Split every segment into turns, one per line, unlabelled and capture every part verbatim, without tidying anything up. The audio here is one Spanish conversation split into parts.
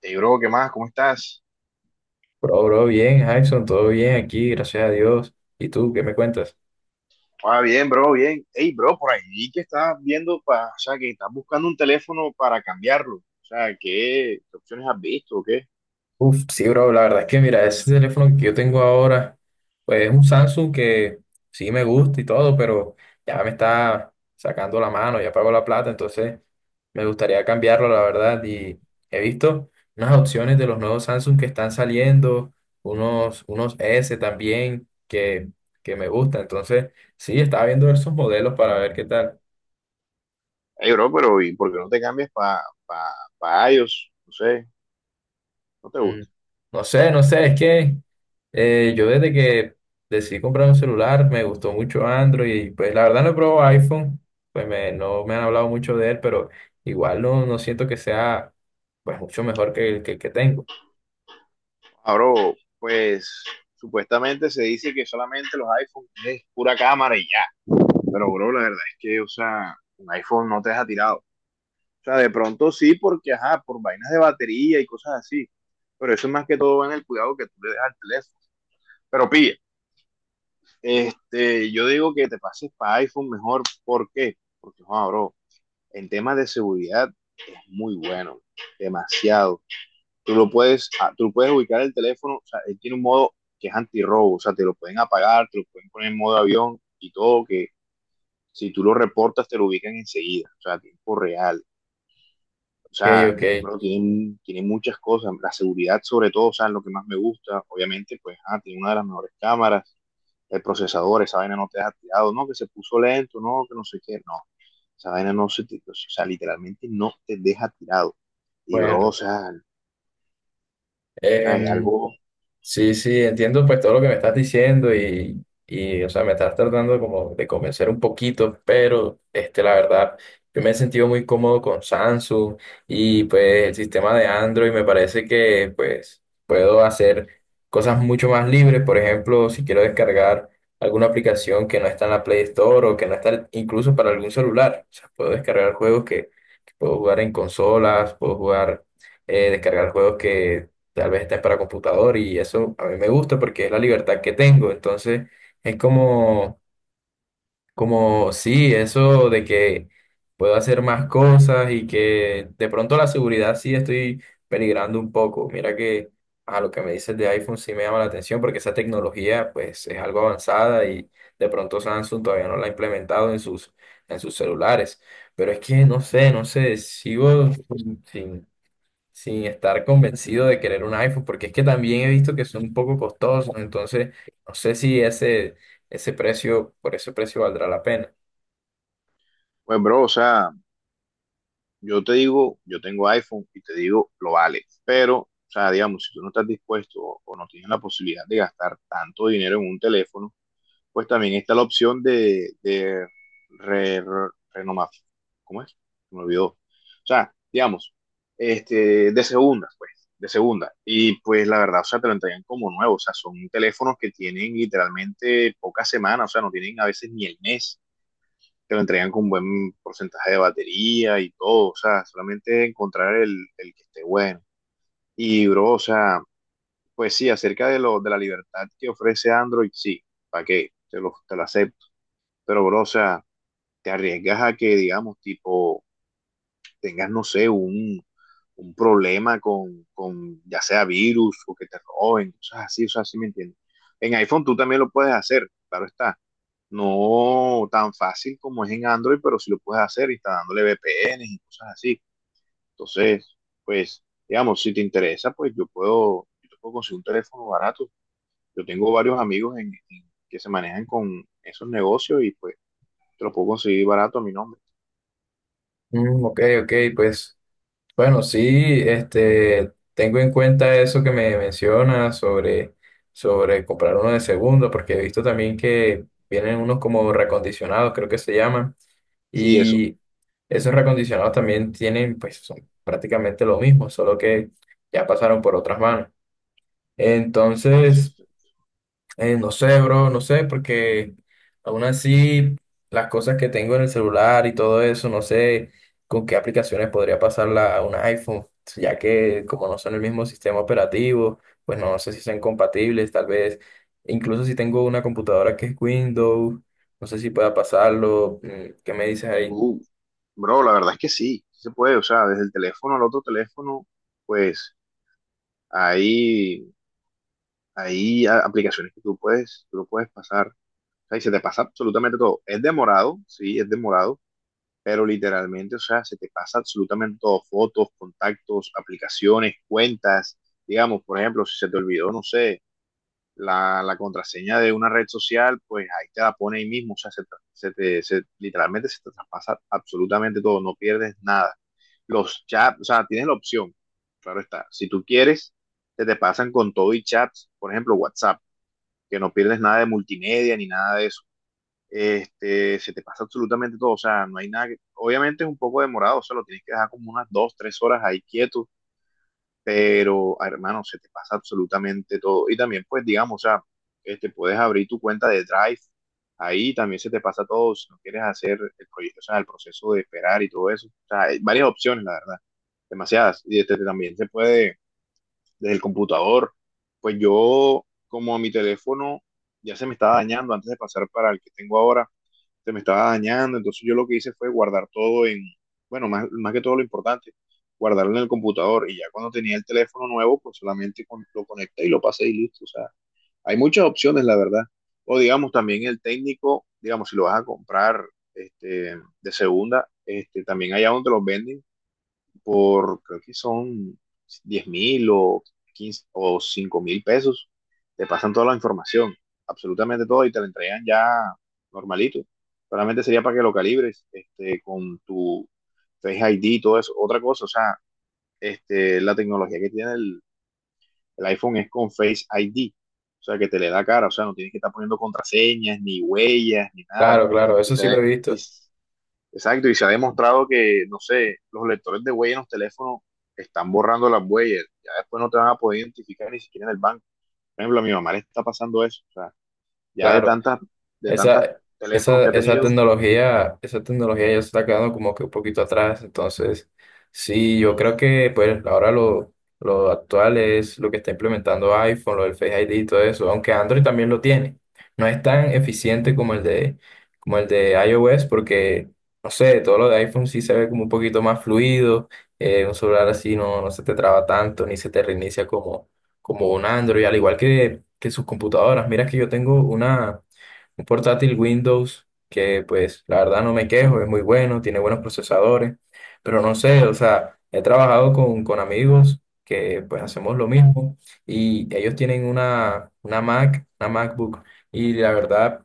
Hey, bro, ¿qué más? ¿Cómo estás?
Bro, bro, bien, Jackson, todo bien aquí, gracias a Dios. ¿Y tú, qué me cuentas?
Ah, bien, bro, bien. Hey, bro, por ahí vi que estás viendo, pa- o sea, que estás buscando un teléfono para cambiarlo. O sea, ¿qué, qué opciones has visto o qué?
Uf, sí, bro, la verdad es que mira, ese teléfono que yo tengo ahora, pues es un Samsung que sí me gusta y todo, pero ya me está sacando la mano, ya pago la plata, entonces me gustaría cambiarlo, la verdad. Y he visto unas opciones de los nuevos Samsung que están saliendo, unos, unos S también que, que me gustan, entonces sí, estaba viendo esos modelos para ver qué tal.
Hey, bro, pero ¿y por qué no te cambias para pa, pa pa iOS? No sé, no te
Mm,
gusta.
No sé, no sé, es que eh, yo desde que decidí comprar un celular me gustó mucho Android y pues la verdad no he probado iPhone, pues me, no me han hablado mucho de él, pero igual no, no siento que sea pues mucho mejor que el que, el que tengo.
Ah, bro, pues supuestamente se dice que solamente los iPhones es pura cámara y ya. Pero, bro, la verdad es que, o sea, un iPhone no te deja tirado. O sea, de pronto sí, porque, ajá, por vainas de batería y cosas así. Pero eso es más que todo va en el cuidado que tú le dejas al teléfono. Pero pilla. Este, yo digo que te pases para iPhone mejor. ¿Por qué? Porque, joder, bro, en temas de seguridad es muy bueno, demasiado. Tú lo puedes, ah, tú puedes ubicar el teléfono, o sea, él tiene un modo que es antirrobo, o sea, te lo pueden apagar, te lo pueden poner en modo avión y todo, que si tú lo reportas te lo ubican enseguida, o sea, a tiempo real. O
Ok,
sea,
ok,
bro, tiene, tiene muchas cosas, la seguridad sobre todo, o sea, lo que más me gusta, obviamente, pues, ah, tiene una de las mejores cámaras, el procesador, esa vaina no te deja tirado, no, que se puso lento, no, que no sé qué, no, esa vaina no se, te- o sea, literalmente no te deja tirado. Y, bro, o
bueno.
sea, o sea, es
em,
algo,
Sí, sí, entiendo pues todo lo que me estás diciendo y, y, o sea, me estás tratando como de convencer un poquito, pero este, la verdad, yo me he sentido muy cómodo con Samsung y pues el sistema de Android me parece que pues puedo hacer cosas mucho más libres. Por ejemplo, si quiero descargar alguna aplicación que no está en la Play Store o que no está incluso para algún celular, o sea, puedo descargar juegos que, que puedo jugar en consolas, puedo jugar, eh, descargar juegos que tal vez estén para computador y eso a mí me gusta porque es la libertad que tengo. Entonces es como, como sí, eso de que puedo hacer más cosas y que de pronto la seguridad sí estoy peligrando un poco. Mira que a lo que me dices de iPhone sí me llama la atención porque esa tecnología pues es algo avanzada y de pronto Samsung todavía no la ha implementado en sus, en sus celulares. Pero es que no sé, no sé, sigo sin, sin estar convencido de querer un iPhone, porque es que también he visto que son un poco costosos, entonces no sé si ese, ese precio, por ese precio valdrá la pena.
pues, bro, o sea, yo te digo, yo tengo iPhone y te digo, lo vale, pero, o sea, digamos, si tú no estás dispuesto o o no tienes la posibilidad de gastar tanto dinero en un teléfono, pues también está la opción de, de re- re- renomar. ¿Cómo es? Me olvidó. O sea, digamos, este, de segunda, pues, de segunda. Y pues la verdad, o sea, te lo entregan como nuevo. O sea, son teléfonos que tienen literalmente pocas semanas, o sea, no tienen a veces ni el mes. Te lo entregan con buen porcentaje de batería y todo. O sea, solamente encontrar el, el que esté bueno. Y, bro, o sea, pues sí, acerca de, lo, de la libertad que ofrece Android, sí, ¿para qué? Te lo, te lo acepto pero, bro, o sea, te arriesgas a que, digamos, tipo, tengas, no sé, un, un problema con, con, ya sea virus o que te roben, cosas así, o sea, así me entiendes. En iPhone tú también lo puedes hacer, claro está. No tan fácil como es en Android, pero sí lo puedes hacer instalándole V P Ns y cosas así. Entonces, pues, digamos, si te interesa, pues yo puedo, yo te puedo conseguir un teléfono barato. Yo tengo varios amigos en, en- que se manejan con esos negocios y pues te lo puedo conseguir barato a mi nombre.
Mm, ok, ok, pues bueno, sí, este, tengo en cuenta eso que me mencionas sobre, sobre comprar uno de segunda, porque he visto también que vienen unos como recondicionados, creo que se llaman,
Sí, eso.
y esos recondicionados también tienen, pues son prácticamente lo mismo, solo que ya pasaron por otras manos.
Es-
Entonces, eh, no sé, bro, no sé, porque aún así las cosas que tengo en el celular y todo eso, no sé con qué aplicaciones podría pasarla a un iPhone, ya que como no son el mismo sistema operativo, pues no sé si sean compatibles, tal vez, incluso si tengo una computadora que es Windows, no sé si pueda pasarlo. Mm, ¿qué me dices ahí?
uh, bro, la verdad es que sí, sí se puede, o sea, desde el teléfono al otro teléfono, pues hay, hay a- aplicaciones que tú puedes, tú lo puedes pasar, o sea, y se te pasa absolutamente todo. Es demorado, sí, es demorado, pero literalmente, o sea, se te pasa absolutamente todo, fotos, contactos, aplicaciones, cuentas, digamos, por ejemplo, si se te olvidó, no sé. la, la, contraseña de una red social, pues ahí te la pone ahí mismo, o sea, se, tra- se te, se, literalmente se te traspasa absolutamente todo, no pierdes nada. Los chats, o sea, tienes la opción, claro está, si tú quieres, se te pasan con todo y chats, por ejemplo, WhatsApp, que no pierdes nada de multimedia ni nada de eso. Este, se te pasa absolutamente todo, o sea, no hay nada que, obviamente es un poco demorado, o sea, lo tienes que dejar como unas dos, tres horas ahí quieto, pero ah, hermano, se te pasa absolutamente todo. Y también, pues, digamos, o sea, este, puedes abrir tu cuenta de Drive, ahí también se te pasa todo, si no quieres hacer el proyecto, o sea, el proceso de esperar y todo eso. O sea, hay varias opciones, la verdad, demasiadas. Y este, también se puede desde el computador. Pues yo, como mi teléfono ya se me estaba dañando antes de pasar para el que tengo ahora, se me estaba dañando, entonces yo lo que hice fue guardar todo en, bueno, más, más que todo lo importante, guardarlo en el computador y ya cuando tenía el teléfono nuevo, pues solamente con- lo conecté y lo pasé y listo. O sea, hay muchas opciones, la verdad. O digamos, también el técnico, digamos, si lo vas a comprar este, de segunda, este, también allá donde los venden por, creo que son diez mil o quince o cinco mil pesos, te pasan toda la información, absolutamente todo, y te la entregan ya normalito. Solamente sería para que lo calibres este, con tu Face I D y todo eso. Otra cosa, o sea, este, la tecnología que tiene el, el iPhone es con Face I D, o sea, que te le da cara, o sea, no tienes que estar poniendo contraseñas, ni huellas, ni nada.
Claro, claro,
Y
eso
se,
sí lo he
y
visto,
Exacto, y se ha demostrado que, no sé, los lectores de huella en los teléfonos están borrando las huellas, ya después no te van a poder identificar ni siquiera en el banco. Por ejemplo, a mi mamá le está pasando eso, o sea, ya de
claro.
tantas, de tantas
Esa,
teléfonos
esa,
que ha
esa
tenido,
tecnología, esa tecnología ya se está quedando como que un poquito atrás. Entonces, sí, yo creo que pues ahora lo, lo actual es lo que está implementando iPhone, lo del Face I D y todo eso, aunque Android también lo tiene. No es tan eficiente como el de, como el de iOS, porque, no sé, todo lo de iPhone sí se ve como un poquito más fluido. Eh, un celular así no, no se te traba tanto, ni se te reinicia como, como un Android, al igual que, que sus computadoras. Mira que yo tengo una un portátil Windows que pues la verdad no me quejo, es muy bueno, tiene buenos procesadores, pero no sé, o sea, he trabajado con, con amigos que pues hacemos lo mismo y ellos tienen una, una Mac, una MacBook y la verdad,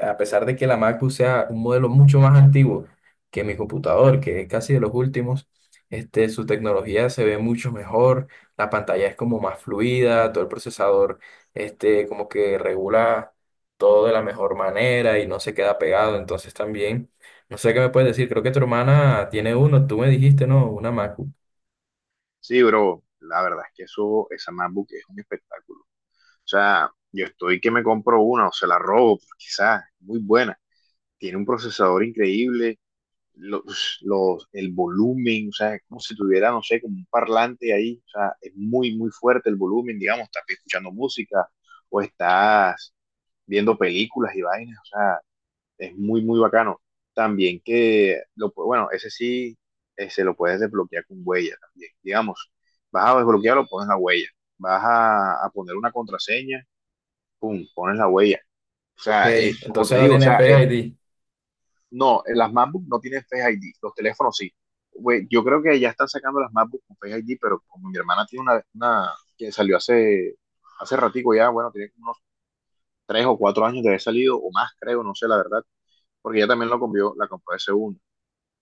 a pesar de que la MacBook sea un modelo mucho más antiguo que mi computador, que es casi de los últimos, este, su tecnología se ve mucho mejor, la pantalla es como más fluida, todo el procesador este, como que regula todo de la mejor manera y no se queda pegado. Entonces también, no sé qué me puedes decir, creo que tu hermana tiene uno, tú me dijiste, no, una Macu.
sí, bro, la verdad es que eso, esa MacBook es un espectáculo. O sea, yo estoy que me compro una o se la robo, pues, quizás, muy buena. Tiene un procesador increíble, los, los, el volumen, o sea, como si tuviera, no sé, como un parlante ahí, o sea, es muy, muy fuerte el volumen, digamos, estás escuchando música o estás viendo películas y vainas, o sea, es muy, muy bacano. También que, lo, pu- bueno, ese sí eh, se lo puedes desbloquear con huella también, digamos, vas a desbloquearlo, pones la huella, vas a, a poner una contraseña, pum, pones la huella. O
Ok,
sea, eh, como te
entonces no
digo, o
tiene
sea,
Face
es
I D.
no, eh, las MacBook no tienen Face I D, los teléfonos sí. Güey, yo creo que ya están sacando las MacBook con Face I D, pero como mi hermana tiene una, una que salió hace, hace ratico ya, bueno, tiene como unos tres o cuatro años de haber salido, o más creo, no sé la verdad, porque ella también lo compró, la compró de segunda.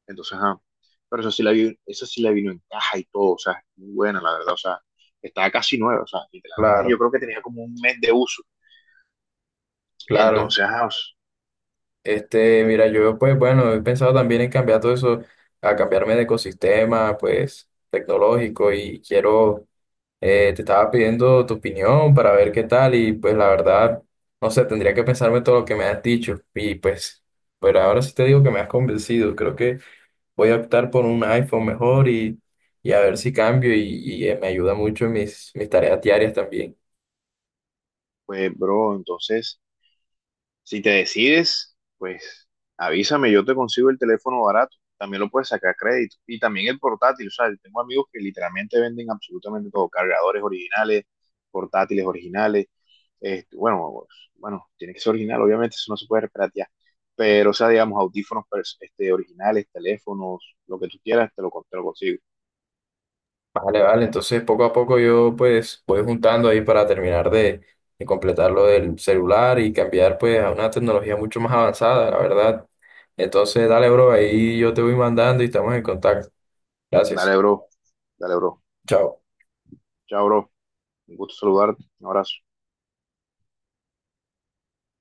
Entonces, ah, pero eso sí la vi, eso sí la vino en caja y todo, o sea, es muy buena, la verdad, o sea, estaba casi nueva, o sea, literalmente yo
Claro,
creo que tenía como un mes de uso.
claro.
Entonces, ah,
Este, mira, yo pues bueno, he pensado también en cambiar todo eso, a cambiarme de ecosistema, pues tecnológico y quiero, eh, te estaba pidiendo tu opinión para ver qué tal y pues la verdad, no sé, tendría que pensarme todo lo que me has dicho y pues, pero ahora sí te digo que me has convencido, creo que voy a optar por un iPhone mejor y, y a ver si cambio y, y, eh, me ayuda mucho en mis, mis tareas diarias también.
pues, bro, entonces si te decides, pues avísame, yo te consigo el teléfono barato. También lo puedes sacar a crédito. Y también el portátil. O sea, yo tengo amigos que literalmente venden absolutamente todo. Cargadores originales, portátiles originales. Este, bueno, pues, bueno, tiene que ser original, obviamente, eso no se puede piratear. Pero, o sea, digamos, audífonos pers- este, originales, teléfonos, lo que tú quieras, te lo, con- te lo consigo.
Vale, vale, entonces poco a poco yo pues voy juntando ahí para terminar de, de completar lo del celular y cambiar pues a una tecnología mucho más avanzada, la verdad. Entonces dale, bro, ahí yo te voy mandando y estamos en contacto. Gracias.
Dale, bro. Dale, bro.
Chao.
Chao, bro. Un gusto saludarte. Un abrazo.